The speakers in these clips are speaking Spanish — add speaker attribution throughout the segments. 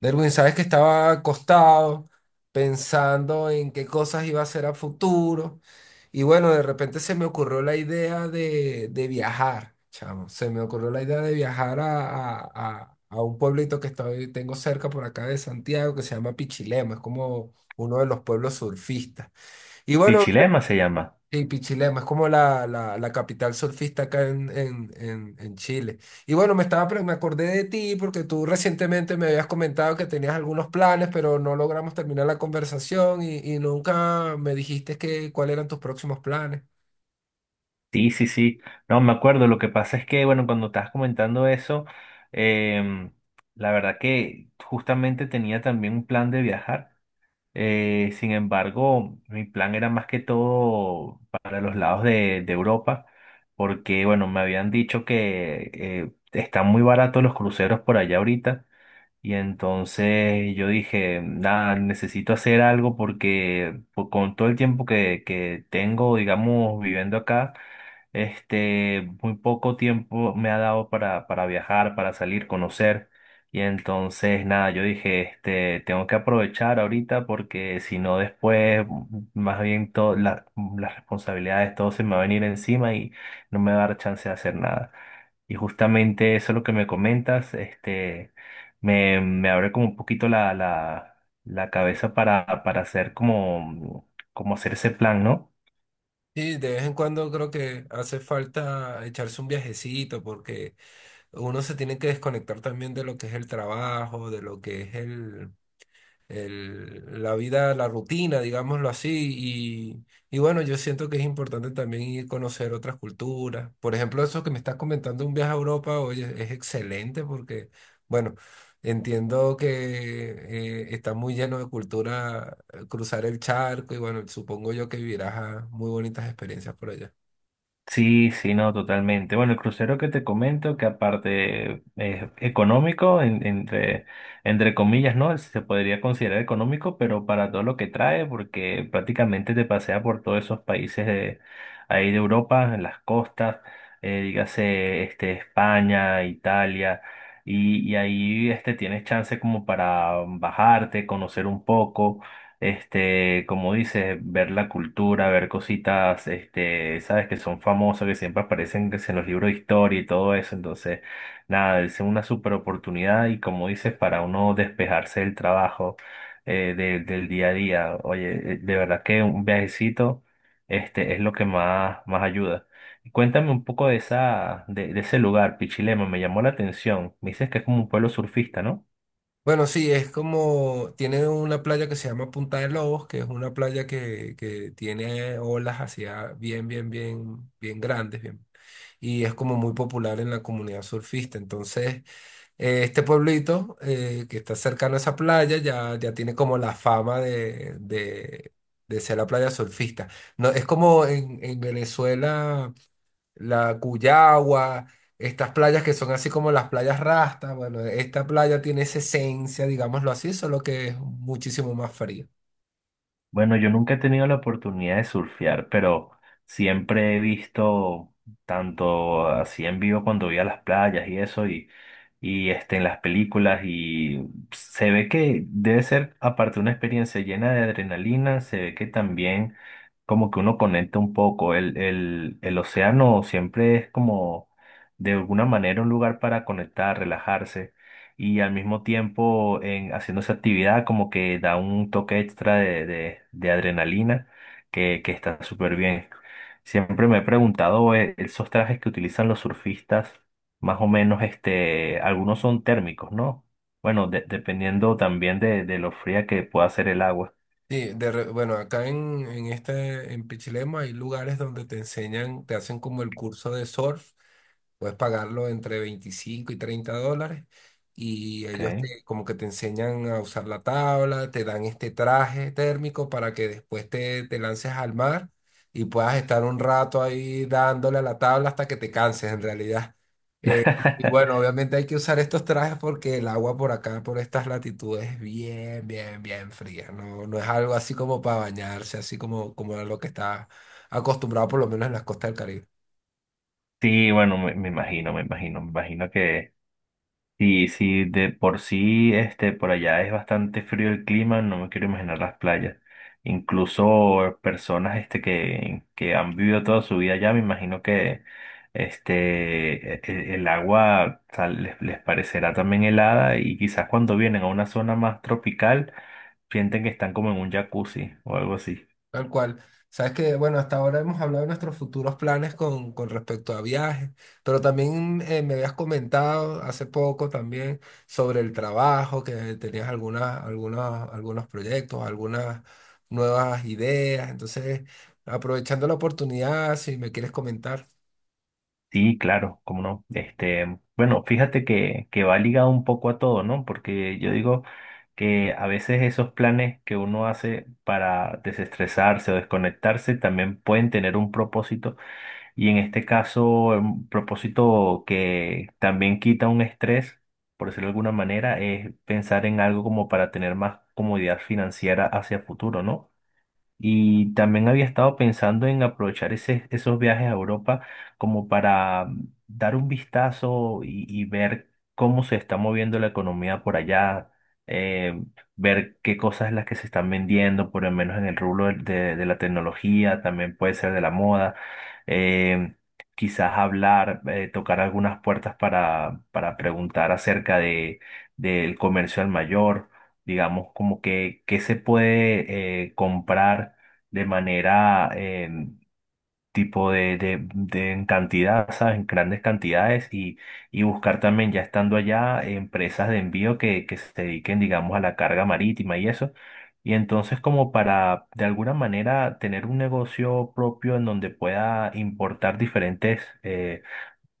Speaker 1: Derwin, sabes que estaba acostado pensando en qué cosas iba a hacer a futuro. Y bueno, de repente se me ocurrió la idea de viajar, chamo. Se me ocurrió la idea de viajar a un pueblito que estoy, tengo cerca por acá de Santiago que se llama Pichilemu. Es como uno de los pueblos surfistas. Y bueno,
Speaker 2: Pichilema se llama.
Speaker 1: sí, Pichilemu, es como la, la capital surfista acá en Chile. Y bueno, me acordé de ti porque tú recientemente me habías comentado que tenías algunos planes, pero no logramos terminar la conversación y nunca me dijiste que, cuáles eran tus próximos planes.
Speaker 2: Sí, sí, sí. No, me acuerdo. Lo que pasa es que, bueno, cuando estabas comentando eso, em, la verdad que justamente tenía también un plan de viajar. Sin embargo, mi plan era más que todo para los lados de Europa, porque, bueno, me habían dicho que están muy baratos los cruceros por allá ahorita. Y entonces yo dije, nada, necesito hacer algo porque con todo el tiempo que tengo, digamos, viviendo acá, este, muy poco tiempo me ha dado para viajar, para salir, conocer. Y entonces, nada, yo dije, este, tengo que aprovechar ahorita porque si no después, más bien todas las responsabilidades, todo se me va a venir encima y no me va a dar chance de hacer nada. Y justamente eso es lo que me comentas, este, me abre como un poquito la cabeza para hacer como, como hacer ese plan, ¿no?
Speaker 1: Sí, de vez en cuando creo que hace falta echarse un viajecito porque uno se tiene que desconectar también de lo que es el trabajo, de lo que es la vida, la rutina, digámoslo así. Y, y bueno, yo siento que es importante también ir a conocer otras culturas. Por ejemplo, eso que me estás comentando, un viaje a Europa, oye, es excelente porque, bueno, entiendo que está muy lleno de cultura, cruzar el charco y bueno, supongo yo que vivirás a muy bonitas experiencias por allá.
Speaker 2: Sí, sí, no, totalmente. Bueno, el crucero que te comento, que aparte es económico, entre, entre comillas, ¿no? Se podría considerar económico, pero para todo lo que trae, porque prácticamente te pasea por todos esos países de ahí de Europa, en las costas, dígase este, España, Italia, y ahí este, tienes chance como para bajarte, conocer un poco. Este, como dices, ver la cultura, ver cositas, este, sabes que son famosas, que siempre aparecen que si en los libros de historia y todo eso. Entonces, nada, es una super oportunidad y como dices, para uno despejarse del trabajo, del día a día. Oye, de verdad que un viajecito, este, es lo que más, más ayuda. Cuéntame un poco de esa, de ese lugar, Pichilemu, me llamó la atención. Me dices que es como un pueblo surfista, ¿no?
Speaker 1: Bueno, sí, es como, tiene una playa que se llama Punta de Lobos, que es una playa que tiene olas hacia bien, bien, bien, bien grandes, bien, y es como muy popular en la comunidad surfista. Entonces, este pueblito, que está cercano a esa playa, ya tiene como la fama de ser la playa surfista. No, es como en Venezuela la Cuyagua, estas playas que son así como las playas Rasta. Bueno, esta playa tiene esa esencia, digámoslo así, solo que es muchísimo más fría.
Speaker 2: Bueno, yo nunca he tenido la oportunidad de surfear, pero siempre he visto tanto así en vivo cuando voy a las playas y eso, y este, en las películas, y se ve que debe ser, aparte, una experiencia llena de adrenalina, se ve que también como que uno conecta un poco. El océano siempre es como, de alguna manera, un lugar para conectar, relajarse y al mismo tiempo en, haciendo esa actividad como que da un toque extra de adrenalina que está súper bien. Siempre me he preguntado, esos trajes que utilizan los surfistas, más o menos, este, algunos son térmicos, ¿no? Bueno, dependiendo también de lo fría que pueda ser el agua.
Speaker 1: Sí, bueno, acá en Pichilemu hay lugares donde te enseñan, te hacen como el curso de surf, puedes pagarlo entre 25 y 30 dólares, y ellos
Speaker 2: ¿Ok?
Speaker 1: te, como que te enseñan a usar la tabla, te dan este traje térmico para que después te lances al mar y puedas estar un rato ahí dándole a la tabla hasta que te canses en realidad. Y bueno, obviamente hay que usar estos trajes porque el agua por acá, por estas latitudes, es bien, bien, bien fría. No, no es algo así como para bañarse, así como a lo que está acostumbrado, por lo menos en las costas del Caribe.
Speaker 2: Sí, bueno, me imagino que sí, sí, de por sí, este, por allá es bastante frío el clima, no me quiero imaginar las playas. Incluso personas, este, que han vivido toda su vida allá, me imagino que, este, el agua tal, les parecerá también helada y quizás cuando vienen a una zona más tropical, sienten que están como en un jacuzzi o algo así.
Speaker 1: Tal cual. Sabes que, bueno, hasta ahora hemos hablado de nuestros futuros planes con respecto a viajes, pero también, me habías comentado hace poco también sobre el trabajo, que tenías algunos proyectos, algunas nuevas ideas. Entonces, aprovechando la oportunidad, si me quieres comentar.
Speaker 2: Sí, claro, cómo no. Este, bueno, fíjate que va ligado un poco a todo, ¿no? Porque yo digo que a veces esos planes que uno hace para desestresarse o desconectarse también pueden tener un propósito y en este caso un propósito que también quita un estrés, por decirlo de alguna manera, es pensar en algo como para tener más comodidad financiera hacia futuro, ¿no? Y también había estado pensando en aprovechar esos viajes a Europa como para dar un vistazo y ver cómo se está moviendo la economía por allá, eh, ver qué cosas es las que se están vendiendo, por lo menos en el rubro de la tecnología, también puede ser de la moda, eh, quizás hablar, tocar algunas puertas para preguntar acerca de, del comercio al mayor digamos, como que se puede comprar de manera tipo de en cantidad, ¿sabes? En grandes cantidades y buscar también, ya estando allá, empresas de envío que se dediquen, digamos, a la carga marítima y eso. Y entonces como para, de alguna manera, tener un negocio propio en donde pueda importar diferentes... eh,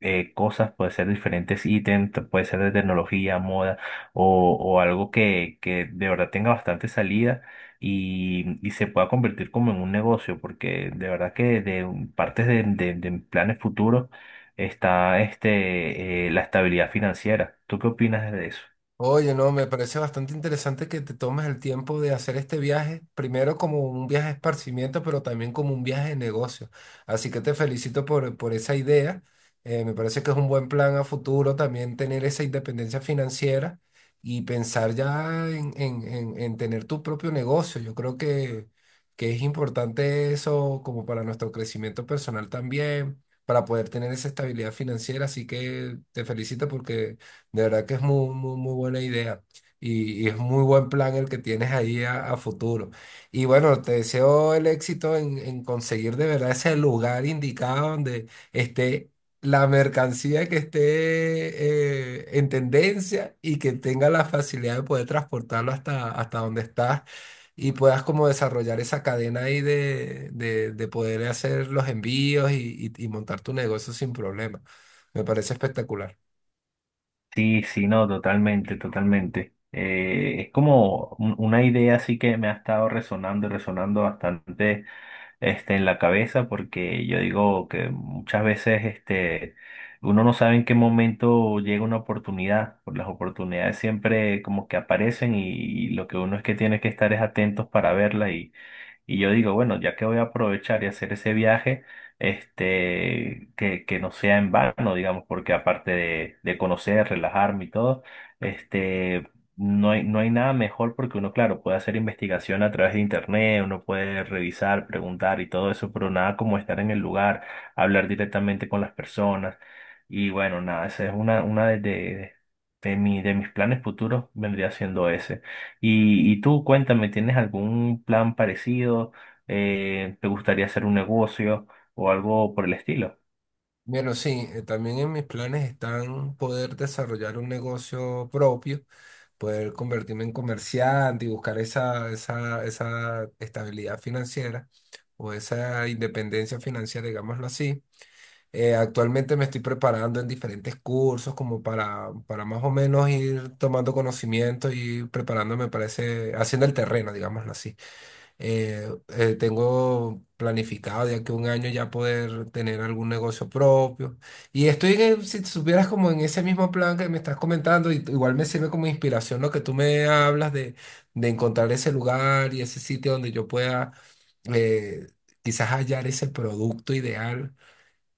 Speaker 2: eh, cosas, puede ser diferentes ítems, puede ser de tecnología, moda o algo que de verdad tenga bastante salida y se pueda convertir como en un negocio, porque de verdad que partes de, de planes futuros está este, la estabilidad financiera. ¿Tú qué opinas de eso?
Speaker 1: Oye, no, me parece bastante interesante que te tomes el tiempo de hacer este viaje, primero como un viaje de esparcimiento, pero también como un viaje de negocio. Así que te felicito por esa idea. Me parece que es un buen plan a futuro también tener esa independencia financiera y pensar ya en tener tu propio negocio. Yo creo que es importante eso como para nuestro crecimiento personal también, para poder tener esa estabilidad financiera. Así que te felicito porque de verdad que es muy, muy, muy buena idea. Y es muy buen plan el que tienes ahí a futuro. Y bueno, te deseo el éxito en conseguir de verdad ese lugar indicado donde esté la mercancía, que esté, en tendencia y que tenga la facilidad de poder transportarlo hasta donde estás y puedas como desarrollar esa cadena ahí de poder hacer los envíos y montar tu negocio sin problema. Me parece espectacular.
Speaker 2: Sí, sí, no, totalmente, totalmente. Es como una idea así que me ha estado resonando y resonando bastante este, en la cabeza porque yo digo que muchas veces este, uno no sabe en qué momento llega una oportunidad, por las oportunidades siempre como que aparecen y lo que uno es que tiene que estar es atentos para verla y yo digo, bueno, ya que voy a aprovechar y hacer ese viaje, este, que no sea en vano, digamos, porque aparte de conocer, relajarme y todo, este, no hay nada mejor porque uno, claro, puede hacer investigación a través de internet, uno puede revisar, preguntar y todo eso, pero nada como estar en el lugar, hablar directamente con las personas. Y bueno, nada, esa es una de de mis planes futuros, vendría siendo ese. Y tú cuéntame, ¿tienes algún plan parecido? ¿Te gustaría hacer un negocio o algo por el estilo?
Speaker 1: Bueno, sí, también en mis planes están poder desarrollar un negocio propio, poder convertirme en comerciante y buscar esa estabilidad financiera o esa independencia financiera, digámoslo así. Actualmente me estoy preparando en diferentes cursos como para más o menos ir tomando conocimiento y preparándome para ese, haciendo el terreno, digámoslo así. Eh, tengo planificado de aquí a un año ya poder tener algún negocio propio. Y estoy, si supieras, como en ese mismo plan que me estás comentando, y igual me sirve como inspiración lo que tú me hablas de encontrar ese lugar y ese sitio donde yo pueda, eh, quizás hallar ese producto ideal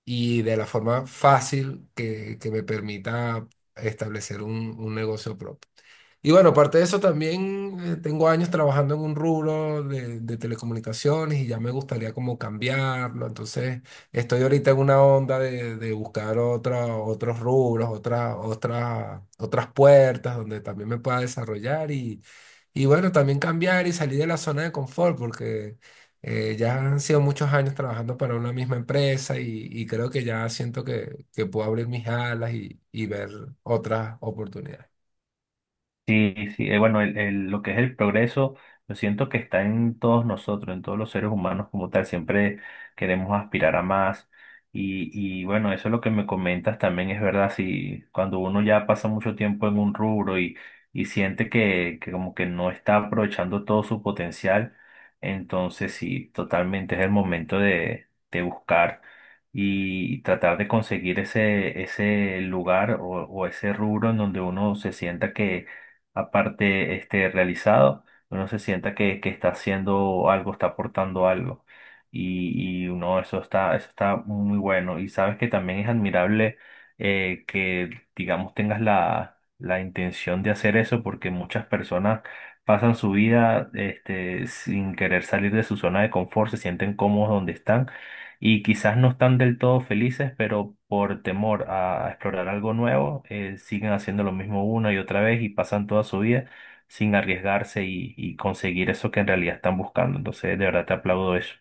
Speaker 1: y de la forma fácil que me permita establecer un negocio propio. Y bueno, aparte de eso también, tengo años trabajando en un rubro de telecomunicaciones y ya me gustaría como cambiarlo. Entonces estoy ahorita en una onda de buscar otros rubros, otras puertas donde también me pueda desarrollar y bueno, también cambiar y salir de la zona de confort porque, ya han sido muchos años trabajando para una misma empresa y creo que ya siento que puedo abrir mis alas y ver otras oportunidades.
Speaker 2: Sí, sí, bueno, lo que es el progreso, yo siento que está en todos nosotros, en todos los seres humanos como tal, siempre queremos aspirar a más. Y bueno, eso es lo que me comentas también es verdad, si cuando uno ya pasa mucho tiempo en un rubro y siente que como que no está aprovechando todo su potencial, entonces sí, totalmente es el momento de buscar y tratar de conseguir ese, ese lugar o ese rubro en donde uno se sienta que aparte este, realizado, uno se sienta que está haciendo algo, está aportando algo. Y uno, eso está muy bueno. Y sabes que también es admirable que, digamos, tengas la intención de hacer eso, porque muchas personas pasan su vida este, sin querer salir de su zona de confort, se sienten cómodos donde están y quizás no están del todo felices, pero por temor a explorar algo nuevo, siguen haciendo lo mismo una y otra vez y pasan toda su vida sin arriesgarse y conseguir eso que en realidad están buscando. Entonces, de verdad te aplaudo eso.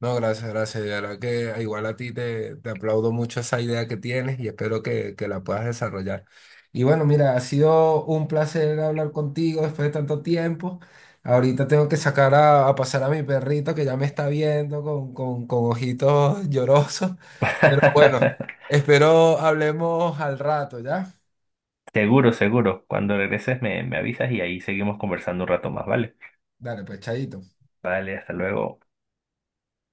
Speaker 1: No, gracias, gracias. De verdad que igual a ti te aplaudo mucho esa idea que tienes y espero que la puedas desarrollar. Y bueno, mira, ha sido un placer hablar contigo después de tanto tiempo. Ahorita tengo que sacar a pasar a mi perrito que ya me está viendo con ojitos llorosos. Pero bueno, espero hablemos al rato, ¿ya?
Speaker 2: Seguro, seguro. Cuando regreses me avisas y ahí seguimos conversando un rato más, ¿vale?
Speaker 1: Dale, pues, chaito.
Speaker 2: Vale, hasta luego.